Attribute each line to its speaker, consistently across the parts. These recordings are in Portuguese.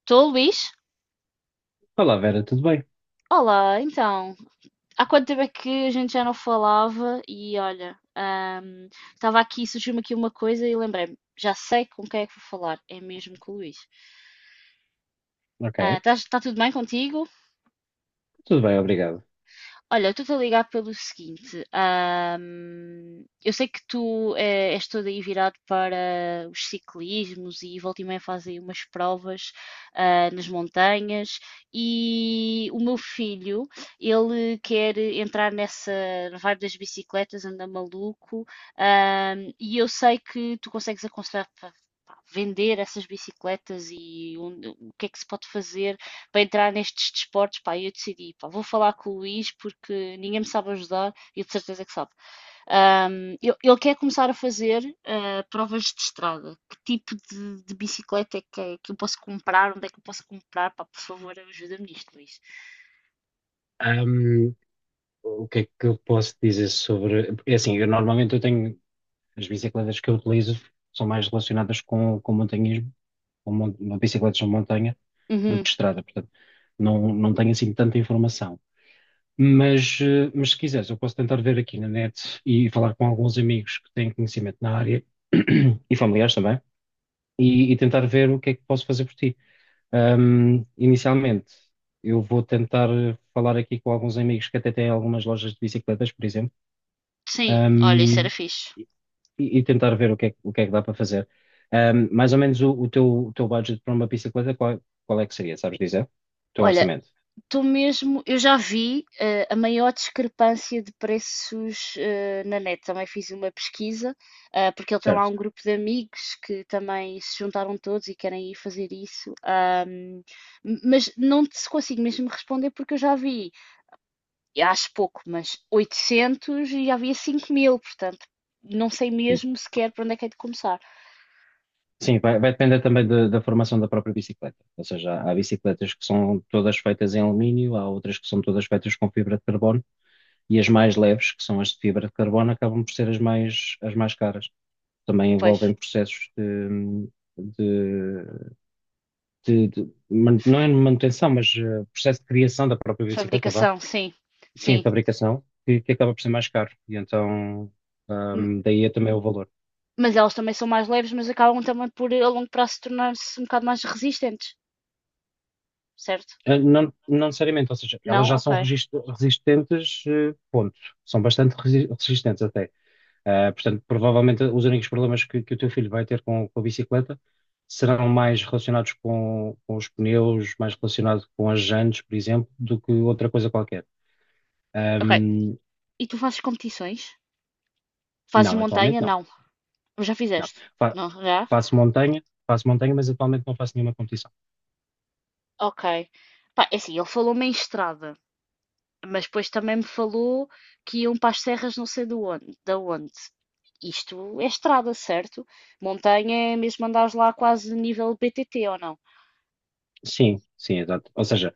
Speaker 1: Estou, Luís?
Speaker 2: Olá, Vera, tudo bem?
Speaker 1: Olá, então. Há quanto tempo é que a gente já não falava? E olha, estava aqui, surgiu-me aqui uma coisa e lembrei-me, já sei com quem é que vou falar, é mesmo com o Luís.
Speaker 2: Ok,
Speaker 1: Está tudo bem contigo?
Speaker 2: tudo bem, obrigado.
Speaker 1: Olha, eu estou-te a ligar pelo seguinte. Eu sei que tu és todo aí virado para os ciclismos e volta e meia fazem umas provas nas montanhas e o meu filho, ele quer entrar nessa vibe das bicicletas, anda maluco. E eu sei que tu consegues aconselhar para vender essas bicicletas e o que é que se pode fazer para entrar nestes desportos. Pá, eu decidi, pá, vou falar com o Luís porque ninguém me sabe ajudar e de certeza que sabe. Ele quer começar a fazer provas de estrada. Que tipo de bicicleta é que eu posso comprar? Onde é que eu posso comprar? Pá, por favor, ajuda-me nisto, Luís.
Speaker 2: Ahm, o que é que eu posso dizer sobre. É assim, eu normalmente eu tenho. As bicicletas que eu utilizo são mais relacionadas com montanhismo, com bicicletas de montanha, do
Speaker 1: Uhum.
Speaker 2: que estrada, portanto, não tenho assim tanta informação. Mas, mas se quiseres, eu posso tentar ver aqui na net e falar com alguns amigos que têm conhecimento na área e familiares também, e tentar ver o que é que posso fazer por ti. Inicialmente, eu vou tentar falar aqui com alguns amigos que até têm algumas lojas de bicicletas, por exemplo,
Speaker 1: Sim, olha, isso era
Speaker 2: ahm,
Speaker 1: fixe.
Speaker 2: e tentar ver o que é, o que é que dá para fazer. Mais ou menos o teu, o teu budget para uma bicicleta, qual, qual é que seria, sabes dizer? O teu
Speaker 1: Olha,
Speaker 2: orçamento,
Speaker 1: tu mesmo, eu já vi a maior discrepância de preços na net. Também fiz uma pesquisa, porque ele tem lá
Speaker 2: certo?
Speaker 1: um grupo de amigos que também se juntaram todos e querem ir fazer isso. Mas não te consigo mesmo responder porque eu já vi, e acho pouco, mas 800 e já havia 5 mil, portanto, não sei
Speaker 2: Sim.
Speaker 1: mesmo sequer para onde é que é de começar.
Speaker 2: Sim, vai depender também da formação da própria bicicleta. Ou seja, há bicicletas que são todas feitas em alumínio, há outras que são todas feitas com fibra de carbono, e as mais leves, que são as de fibra de carbono, acabam por ser as mais caras. Também
Speaker 1: Pois,
Speaker 2: envolvem processos de, de não é manutenção, mas processo de criação da própria bicicleta, vá.
Speaker 1: fabricação, sim,
Speaker 2: Sim,
Speaker 1: sim.
Speaker 2: fabricação, que acaba por ser mais caro. E então, daí é também o valor.
Speaker 1: Mas elas também são mais leves, mas acabam também por a longo prazo tornar-se um bocado mais resistentes, certo?
Speaker 2: Não, não necessariamente, ou seja, elas
Speaker 1: Não?
Speaker 2: já
Speaker 1: Ok.
Speaker 2: são resistentes, ponto. São bastante resistentes até. Ah, portanto, provavelmente os únicos problemas que o teu filho vai ter com a bicicleta serão mais relacionados com os pneus, mais relacionado com as jantes, por exemplo, do que outra coisa qualquer.
Speaker 1: Ok.
Speaker 2: Ahm,
Speaker 1: E tu fazes competições? Fazes
Speaker 2: não, atualmente
Speaker 1: montanha?
Speaker 2: não.
Speaker 1: Não. Já
Speaker 2: Não.
Speaker 1: fizeste?
Speaker 2: Fa-
Speaker 1: Não, já?
Speaker 2: faço montanha, mas atualmente não faço nenhuma competição.
Speaker 1: Ok. Pá, é assim, ele falou-me em estrada, mas depois também me falou que iam para as serras não sei de onde, da onde. Isto é estrada, certo? Montanha é mesmo andares lá quase nível BTT ou não? O
Speaker 2: Sim, sim, exato. Ou seja,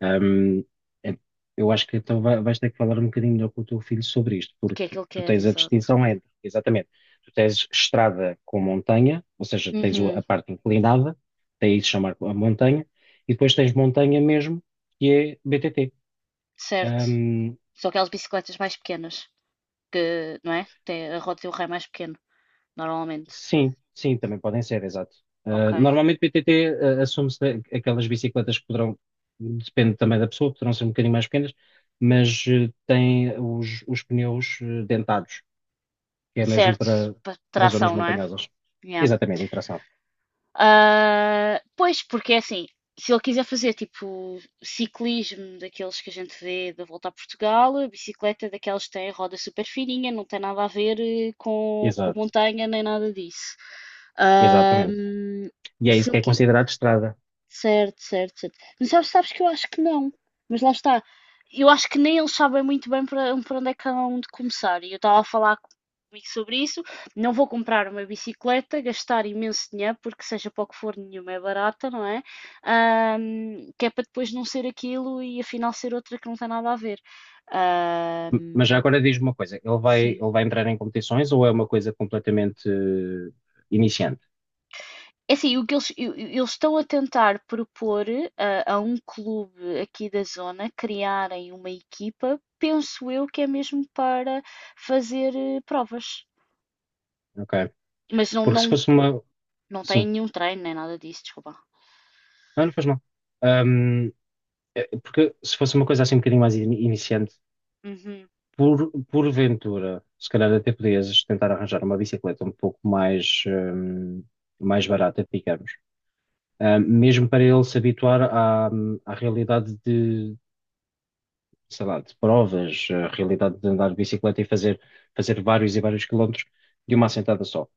Speaker 2: Ahm, é- eu acho que então vais ter que falar um bocadinho melhor com o teu filho sobre isto,
Speaker 1: que é que
Speaker 2: porque
Speaker 1: ele
Speaker 2: tu
Speaker 1: quer,
Speaker 2: tens a
Speaker 1: exato.
Speaker 2: distinção entre, exatamente, tu tens estrada com montanha, ou seja, tens a
Speaker 1: Uhum,
Speaker 2: parte inclinada, daí se chamar a montanha, e depois tens montanha mesmo, que é BTT.
Speaker 1: certo.
Speaker 2: Ahm,
Speaker 1: Só aquelas bicicletas mais pequenas. Que, não é? Tem a roda e o rei mais pequeno, normalmente.
Speaker 2: sim, sim, também podem ser, exato.
Speaker 1: Ok.
Speaker 2: Ah, normalmente BTT, ah, assume-se aquelas bicicletas que poderão, depende também da pessoa, poderão ser um bocadinho mais pequenas, mas têm os pneus dentados. Que é mesmo
Speaker 1: Certo,
Speaker 2: para, para zonas
Speaker 1: tração, não é?
Speaker 2: montanhosas.
Speaker 1: Yeah.
Speaker 2: Exatamente, e tração.
Speaker 1: Ah, pois, porque é assim, se ele quiser fazer tipo ciclismo daqueles que a gente vê da volta a Portugal, a bicicleta daquelas que têm roda super fininha, não tem nada a ver com
Speaker 2: Exato,
Speaker 1: montanha nem nada disso.
Speaker 2: exatamente.
Speaker 1: Ahm,
Speaker 2: E é
Speaker 1: se
Speaker 2: isso que
Speaker 1: ele,
Speaker 2: é
Speaker 1: qui-
Speaker 2: considerado estrada.
Speaker 1: Certo, certo, certo. Mas sabes, sabes que eu acho que não. Mas lá está. Eu acho que nem eles sabem muito bem para onde é que hão de começar. E eu estava a falar comigo sobre isso. Não vou comprar uma bicicleta, gastar imenso dinheiro, porque seja para o que for, nenhuma é barata, não é? Que é para depois não ser aquilo e afinal ser outra que não tem nada a ver.
Speaker 2: Mas já
Speaker 1: Ahm,
Speaker 2: agora diz-me uma coisa,
Speaker 1: sim.
Speaker 2: ele vai entrar em competições ou é uma coisa completamente iniciante?
Speaker 1: É assim, o que eles estão a tentar propor a um clube aqui da zona criarem uma equipa, penso eu que é mesmo para fazer provas.
Speaker 2: Ok.
Speaker 1: Mas
Speaker 2: Porque se fosse uma.
Speaker 1: não tem
Speaker 2: Sim,
Speaker 1: nenhum treino nem nada disso, desculpa.
Speaker 2: não, não faz mal. Ahm, porque se fosse uma coisa assim um bocadinho mais iniciante,
Speaker 1: Uhum,
Speaker 2: por, porventura, se calhar até podias tentar arranjar uma bicicleta um pouco mais, mais barata, digamos, Mesmo para ele se habituar à, à realidade de, sei lá, de provas, a realidade de andar de bicicleta e fazer, fazer vários e vários quilómetros de uma assentada só.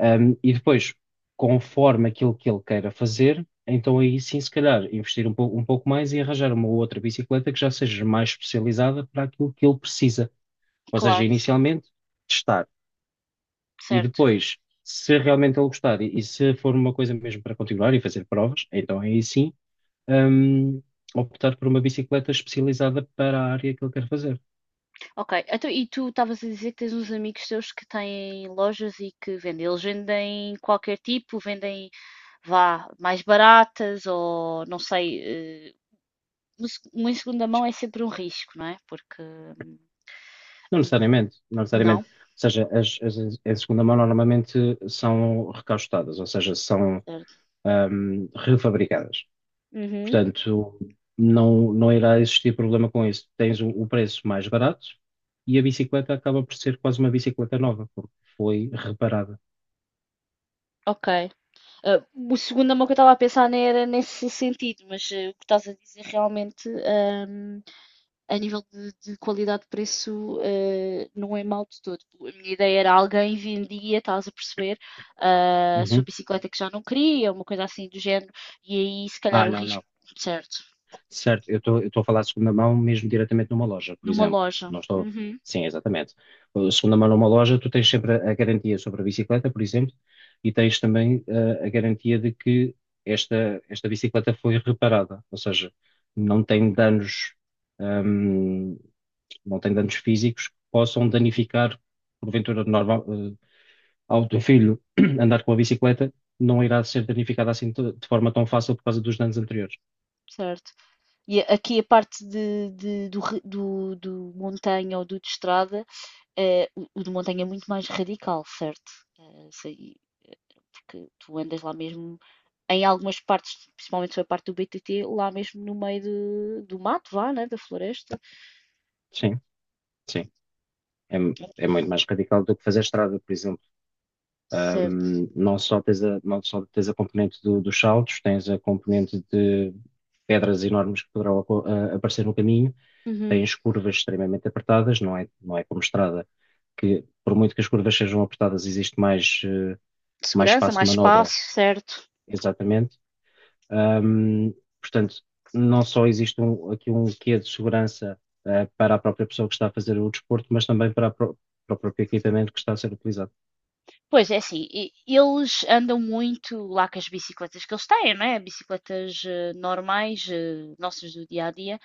Speaker 2: E depois, conforme aquilo que ele queira fazer, então aí sim, se calhar, investir um pouco mais e arranjar uma outra bicicleta que já seja mais especializada para aquilo que ele precisa. Ou seja,
Speaker 1: claro,
Speaker 2: inicialmente testar e
Speaker 1: certo.
Speaker 2: depois, se realmente ele gostar e se for uma coisa mesmo para continuar e fazer provas, então aí sim, hum, optar por uma bicicleta especializada para a área que ele quer fazer.
Speaker 1: Ok, então, e tu estavas a dizer que tens uns amigos teus que têm lojas e que vendem. Eles vendem qualquer tipo, vendem, vá, mais baratas ou não sei. eh, uma segunda mão é sempre um risco, não é? Porque
Speaker 2: Não necessariamente, não
Speaker 1: Não.
Speaker 2: necessariamente. Ou seja, as de segunda mão normalmente são recastadas, ou seja, são
Speaker 1: Certo.
Speaker 2: refabricadas.
Speaker 1: Uhum,
Speaker 2: Portanto, não irá existir problema com isso. Tens o preço mais barato e a bicicleta acaba por ser quase uma bicicleta nova, porque foi reparada.
Speaker 1: ok. Ah, o segunda mão que eu estava a pensar nem era nesse sentido, mas o que estás a dizer realmente, a nível de qualidade de preço, não é mau de todo. A minha ideia era alguém vendia, estás a perceber, a sua
Speaker 2: Uhum.
Speaker 1: bicicleta que já não queria, uma coisa assim do género, e aí se calhar
Speaker 2: Ah,
Speaker 1: o
Speaker 2: não,
Speaker 1: risco,
Speaker 2: não.
Speaker 1: certo,
Speaker 2: Certo, eu estou a falar de segunda mão mesmo diretamente numa loja, por
Speaker 1: numa
Speaker 2: exemplo.
Speaker 1: loja.
Speaker 2: Não estou.
Speaker 1: Uhum,
Speaker 2: Sim, exatamente. Segunda mão numa loja, tu tens sempre a garantia sobre a bicicleta, por exemplo, e tens também a garantia de que esta bicicleta foi reparada, ou seja, não tem danos ehm, não tem danos físicos que possam danificar, porventura, normal, ao teu filho andar com a bicicleta, não irá ser danificado assim de forma tão fácil por causa dos danos anteriores.
Speaker 1: certo. E aqui a parte do montanha ou do de estrada, o de montanha é muito mais radical, certo? Eh, sei- Porque tu andas lá mesmo, em algumas partes, principalmente a parte do BTT, lá mesmo no meio do mato, vá, né? Da floresta.
Speaker 2: Sim, sim. É, é muito mais radical do que fazer estrada, por exemplo.
Speaker 1: Certo.
Speaker 2: Não só tens a, não só tens a componente dos saltos, tens a componente de pedras enormes que poderão aparecer no caminho,
Speaker 1: Uhum.
Speaker 2: tens curvas extremamente apertadas, não é, não é como estrada, que por muito que as curvas sejam apertadas, existe mais, mais
Speaker 1: Segurança,
Speaker 2: espaço de
Speaker 1: mais
Speaker 2: manobra,
Speaker 1: espaço, certo.
Speaker 2: exatamente. Ahm, portanto, não só existe aqui um quê de segurança para a própria pessoa que está a fazer o desporto, mas também para, para o próprio equipamento que está a ser utilizado.
Speaker 1: Pois é assim, eles andam muito lá com as bicicletas que eles têm, não é? Bicicletas normais, nossas do dia a dia.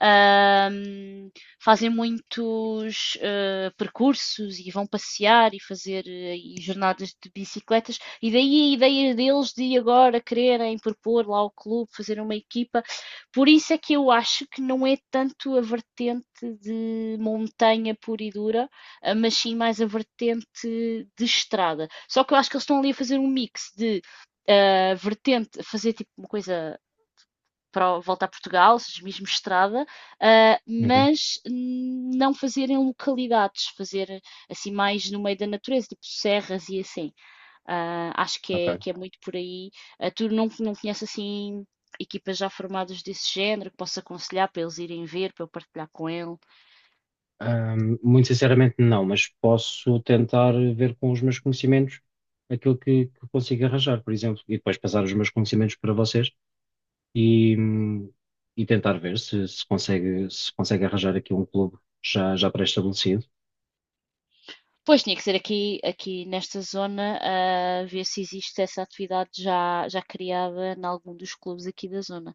Speaker 1: Ahm, fazem muitos percursos e vão passear e fazer aí jornadas de bicicletas. E daí a ideia deles de agora quererem propor lá ao clube, fazer uma equipa. Por isso é que eu acho que não é tanto a vertente de montanha pura e dura, mas sim mais a vertente de estrada. Só que eu acho que eles estão ali a fazer um mix de vertente, fazer tipo uma coisa para voltar a Portugal, ou seja, mesmo estrada,
Speaker 2: Uhum,
Speaker 1: não fazer em localidades, fazer assim mais no meio da natureza, tipo serras e assim. Ah, acho
Speaker 2: ok.
Speaker 1: que é muito por aí. Ah, tu não, não conheces assim equipas já formadas desse género que posso aconselhar para eles irem ver, para eu partilhar com ele?
Speaker 2: Muito sinceramente, não, mas posso tentar ver com os meus conhecimentos aquilo que consigo arranjar, por exemplo, e depois passar os meus conhecimentos para vocês e, hum, e tentar ver se, se consegue, se consegue arranjar aqui um clube já, já pré-estabelecido.
Speaker 1: Pois, tinha que ser aqui nesta zona, ver se existe essa atividade já criada em algum dos clubes aqui da zona.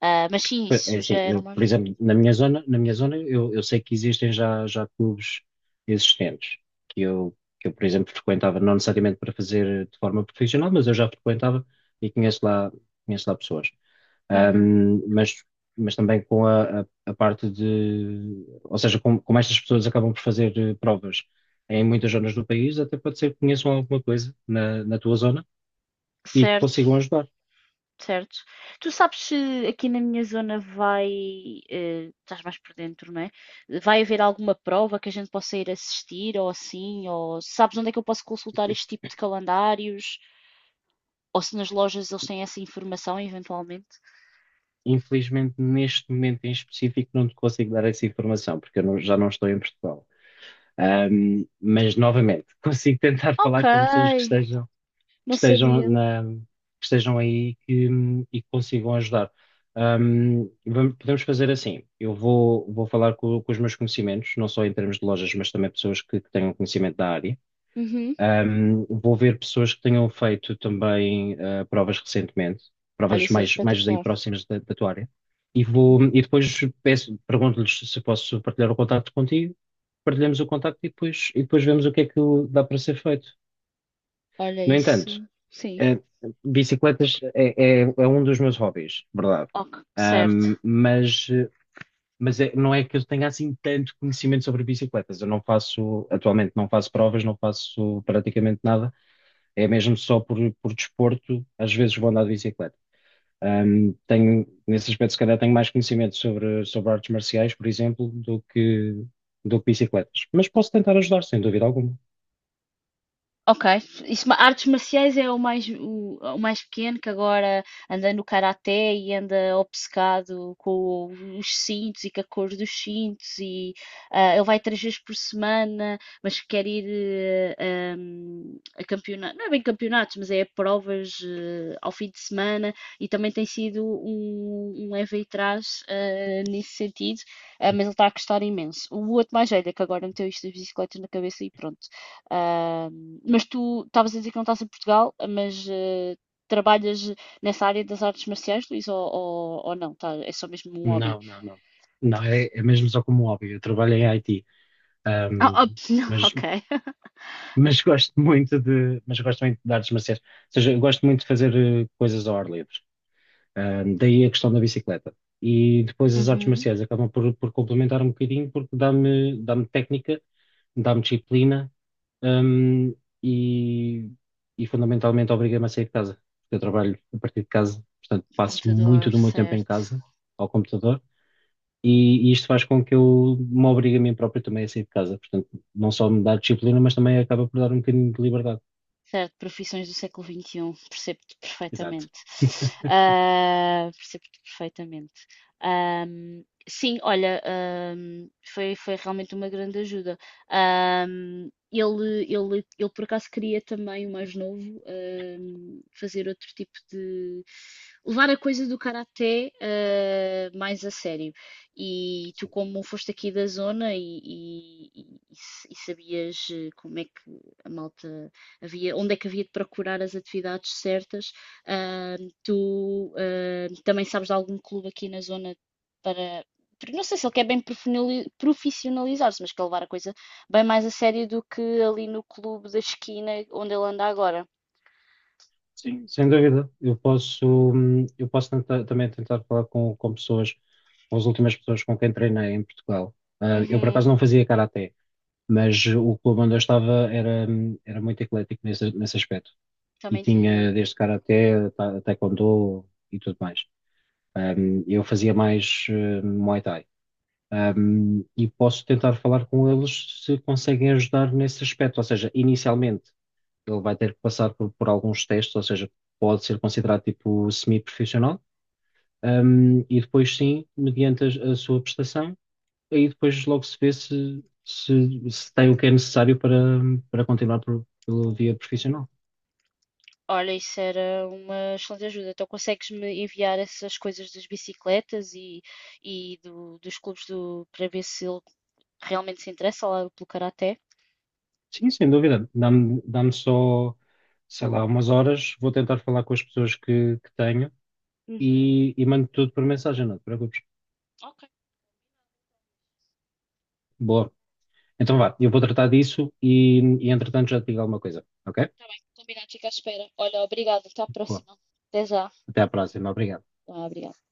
Speaker 1: Ah, mas sim,
Speaker 2: Pois, é
Speaker 1: isso já
Speaker 2: assim,
Speaker 1: era
Speaker 2: eu,
Speaker 1: uma
Speaker 2: por
Speaker 1: ajuda.
Speaker 2: exemplo, na minha zona eu sei que existem já, já clubes existentes, que eu, por exemplo, frequentava, não necessariamente para fazer de forma profissional, mas eu já frequentava e conheço lá pessoas.
Speaker 1: Uhum.
Speaker 2: Ahm, mas, mas também com a parte de, ou seja, como, como estas pessoas acabam por fazer provas em muitas zonas do país, até pode ser que conheçam alguma coisa na, na tua zona e que
Speaker 1: Certo,
Speaker 2: consigam ajudar.
Speaker 1: certo. Tu sabes se aqui na minha zona vai, estás mais por dentro, não é? Vai haver alguma prova que a gente possa ir assistir ou assim, ou sabes onde é que eu posso consultar este tipo de calendários? Ou se nas lojas eles têm essa informação eventualmente?
Speaker 2: Infelizmente, neste momento em específico, não te consigo dar essa informação, porque eu não- já não estou em Portugal. Mas, novamente, consigo tentar
Speaker 1: Ok,
Speaker 2: falar com pessoas que estejam, que
Speaker 1: não
Speaker 2: estejam
Speaker 1: sabia.
Speaker 2: que estejam aí que, e que consigam ajudar. Podemos fazer assim: eu vou, vou falar com os meus conhecimentos, não só em termos de lojas, mas também pessoas que tenham conhecimento da área.
Speaker 1: Uhum.
Speaker 2: Um, vou ver pessoas que tenham feito também provas recentemente,
Speaker 1: Olha,
Speaker 2: provas
Speaker 1: isso era
Speaker 2: mais, mais aí
Speaker 1: espetacular.
Speaker 2: próximas da, da tua área, e vou, e depois peço, pergunto-lhes se posso partilhar o contacto contigo, partilhamos o contacto e depois vemos o que é que dá para ser feito.
Speaker 1: Olha,
Speaker 2: No entanto,
Speaker 1: isso. Sim.
Speaker 2: eh, bicicletas é um dos meus hobbies, verdade.
Speaker 1: Ok,
Speaker 2: Um,
Speaker 1: certo.
Speaker 2: mas não é que eu tenha assim tanto conhecimento sobre bicicletas. Eu não faço, atualmente não faço provas, não faço praticamente nada é mesmo só por desporto, às vezes vou andar de bicicleta. Tenho, nesse aspecto, se calhar, tenho mais conhecimento sobre, sobre artes marciais, por exemplo, do que bicicletas. Mas posso tentar ajudar, sem dúvida alguma.
Speaker 1: Ok. Isso, artes marciais é o mais, o mais pequeno que agora anda no karaté e anda obcecado com os cintos e com a cor dos cintos e ele vai três vezes por semana, mas quer ir a campeonatos, não é bem campeonatos, mas é a provas ao fim de semana e também tem sido um leve e trás, nesse sentido, mas ele está a gostar imenso. O outro mais velho é que agora meteu isto das bicicletas na cabeça e pronto. Ah, mas tu estavas a dizer que não estás em Portugal, mas trabalhas nessa área das artes marciais, Luís, ou não? Tá, é só mesmo um hobby?
Speaker 2: Não, não, não. Não, é, é mesmo só como hobby. Eu trabalho em IT,
Speaker 1: Ah,
Speaker 2: ahm,
Speaker 1: ops, não,
Speaker 2: mas,
Speaker 1: ok.
Speaker 2: mas gosto muito de, mas gosto muito de artes marciais. Ou seja, eu gosto muito de fazer coisas ao ar livre. Daí a questão da bicicleta. E depois as artes
Speaker 1: Uhum,
Speaker 2: marciais acabam por complementar um bocadinho porque dá-me técnica, dá-me disciplina, hum, e, e fundamentalmente obriga-me a sair de casa. Porque eu trabalho a partir de casa, portanto passo muito
Speaker 1: computador,
Speaker 2: do meu tempo em
Speaker 1: certo.
Speaker 2: casa, ao computador, e isto faz com que eu me obrigue a mim próprio também a sair de casa. Portanto, não só me dá disciplina, mas também acaba por dar um bocadinho de liberdade.
Speaker 1: Certo, profissões do século XXI, percebo-te
Speaker 2: Exato.
Speaker 1: perfeitamente. Ah, percebo-te perfeitamente. Sim, Olha, foi realmente uma grande ajuda. Ele por acaso queria também, o mais novo, fazer outro tipo de. Levar a coisa do karaté, mais a sério. E tu,
Speaker 2: Sim.
Speaker 1: como foste aqui da zona e sabias como é que a malta havia, onde é que havia de procurar as atividades certas. Ah, Também sabes de algum clube aqui na zona para. Porque não sei se ele quer bem profissionalizar-se, mas quer levar a coisa bem mais a sério do que ali no clube da esquina onde ele anda agora.
Speaker 2: Sim. Sem dúvida, eu posso também tentar falar com pessoas, com as últimas pessoas com quem treinei em Portugal. Ah, eu, por acaso,
Speaker 1: Uhum,
Speaker 2: não fazia karaté, mas o clube onde eu estava era, era muito eclético nesse, nesse aspecto. E
Speaker 1: também tinham.
Speaker 2: tinha desde karaté, taekwondo e tudo mais. Um, eu fazia mais Muay Thai. Um, e posso tentar falar com eles se conseguem ajudar nesse aspecto. Ou seja, inicialmente ele vai ter que passar por alguns testes, ou seja, pode ser considerado tipo semi-profissional. Um, e depois sim, mediante a sua prestação, aí depois logo se vê se, se, se tem o que é necessário para, para continuar por, pela via profissional.
Speaker 1: Olha, isso era uma excelente ajuda. Então consegues-me enviar essas coisas das bicicletas e, dos clubes do, para ver se ele realmente se interessa lá pelo karaté?
Speaker 2: Sim, sem dúvida. Dá-me só, sei lá, umas horas. Vou tentar falar com as pessoas que tenho
Speaker 1: Uhum.
Speaker 2: e mando tudo por mensagem, não te preocupes. Boa. Então vá, eu vou tratar disso e entretanto já te digo alguma coisa, ok?
Speaker 1: Tá bem, combinado, fica à espera. Olha, obrigada, até a
Speaker 2: Boa.
Speaker 1: próxima. Até já.
Speaker 2: Até à próxima. Obrigado.
Speaker 1: Ah, obrigada.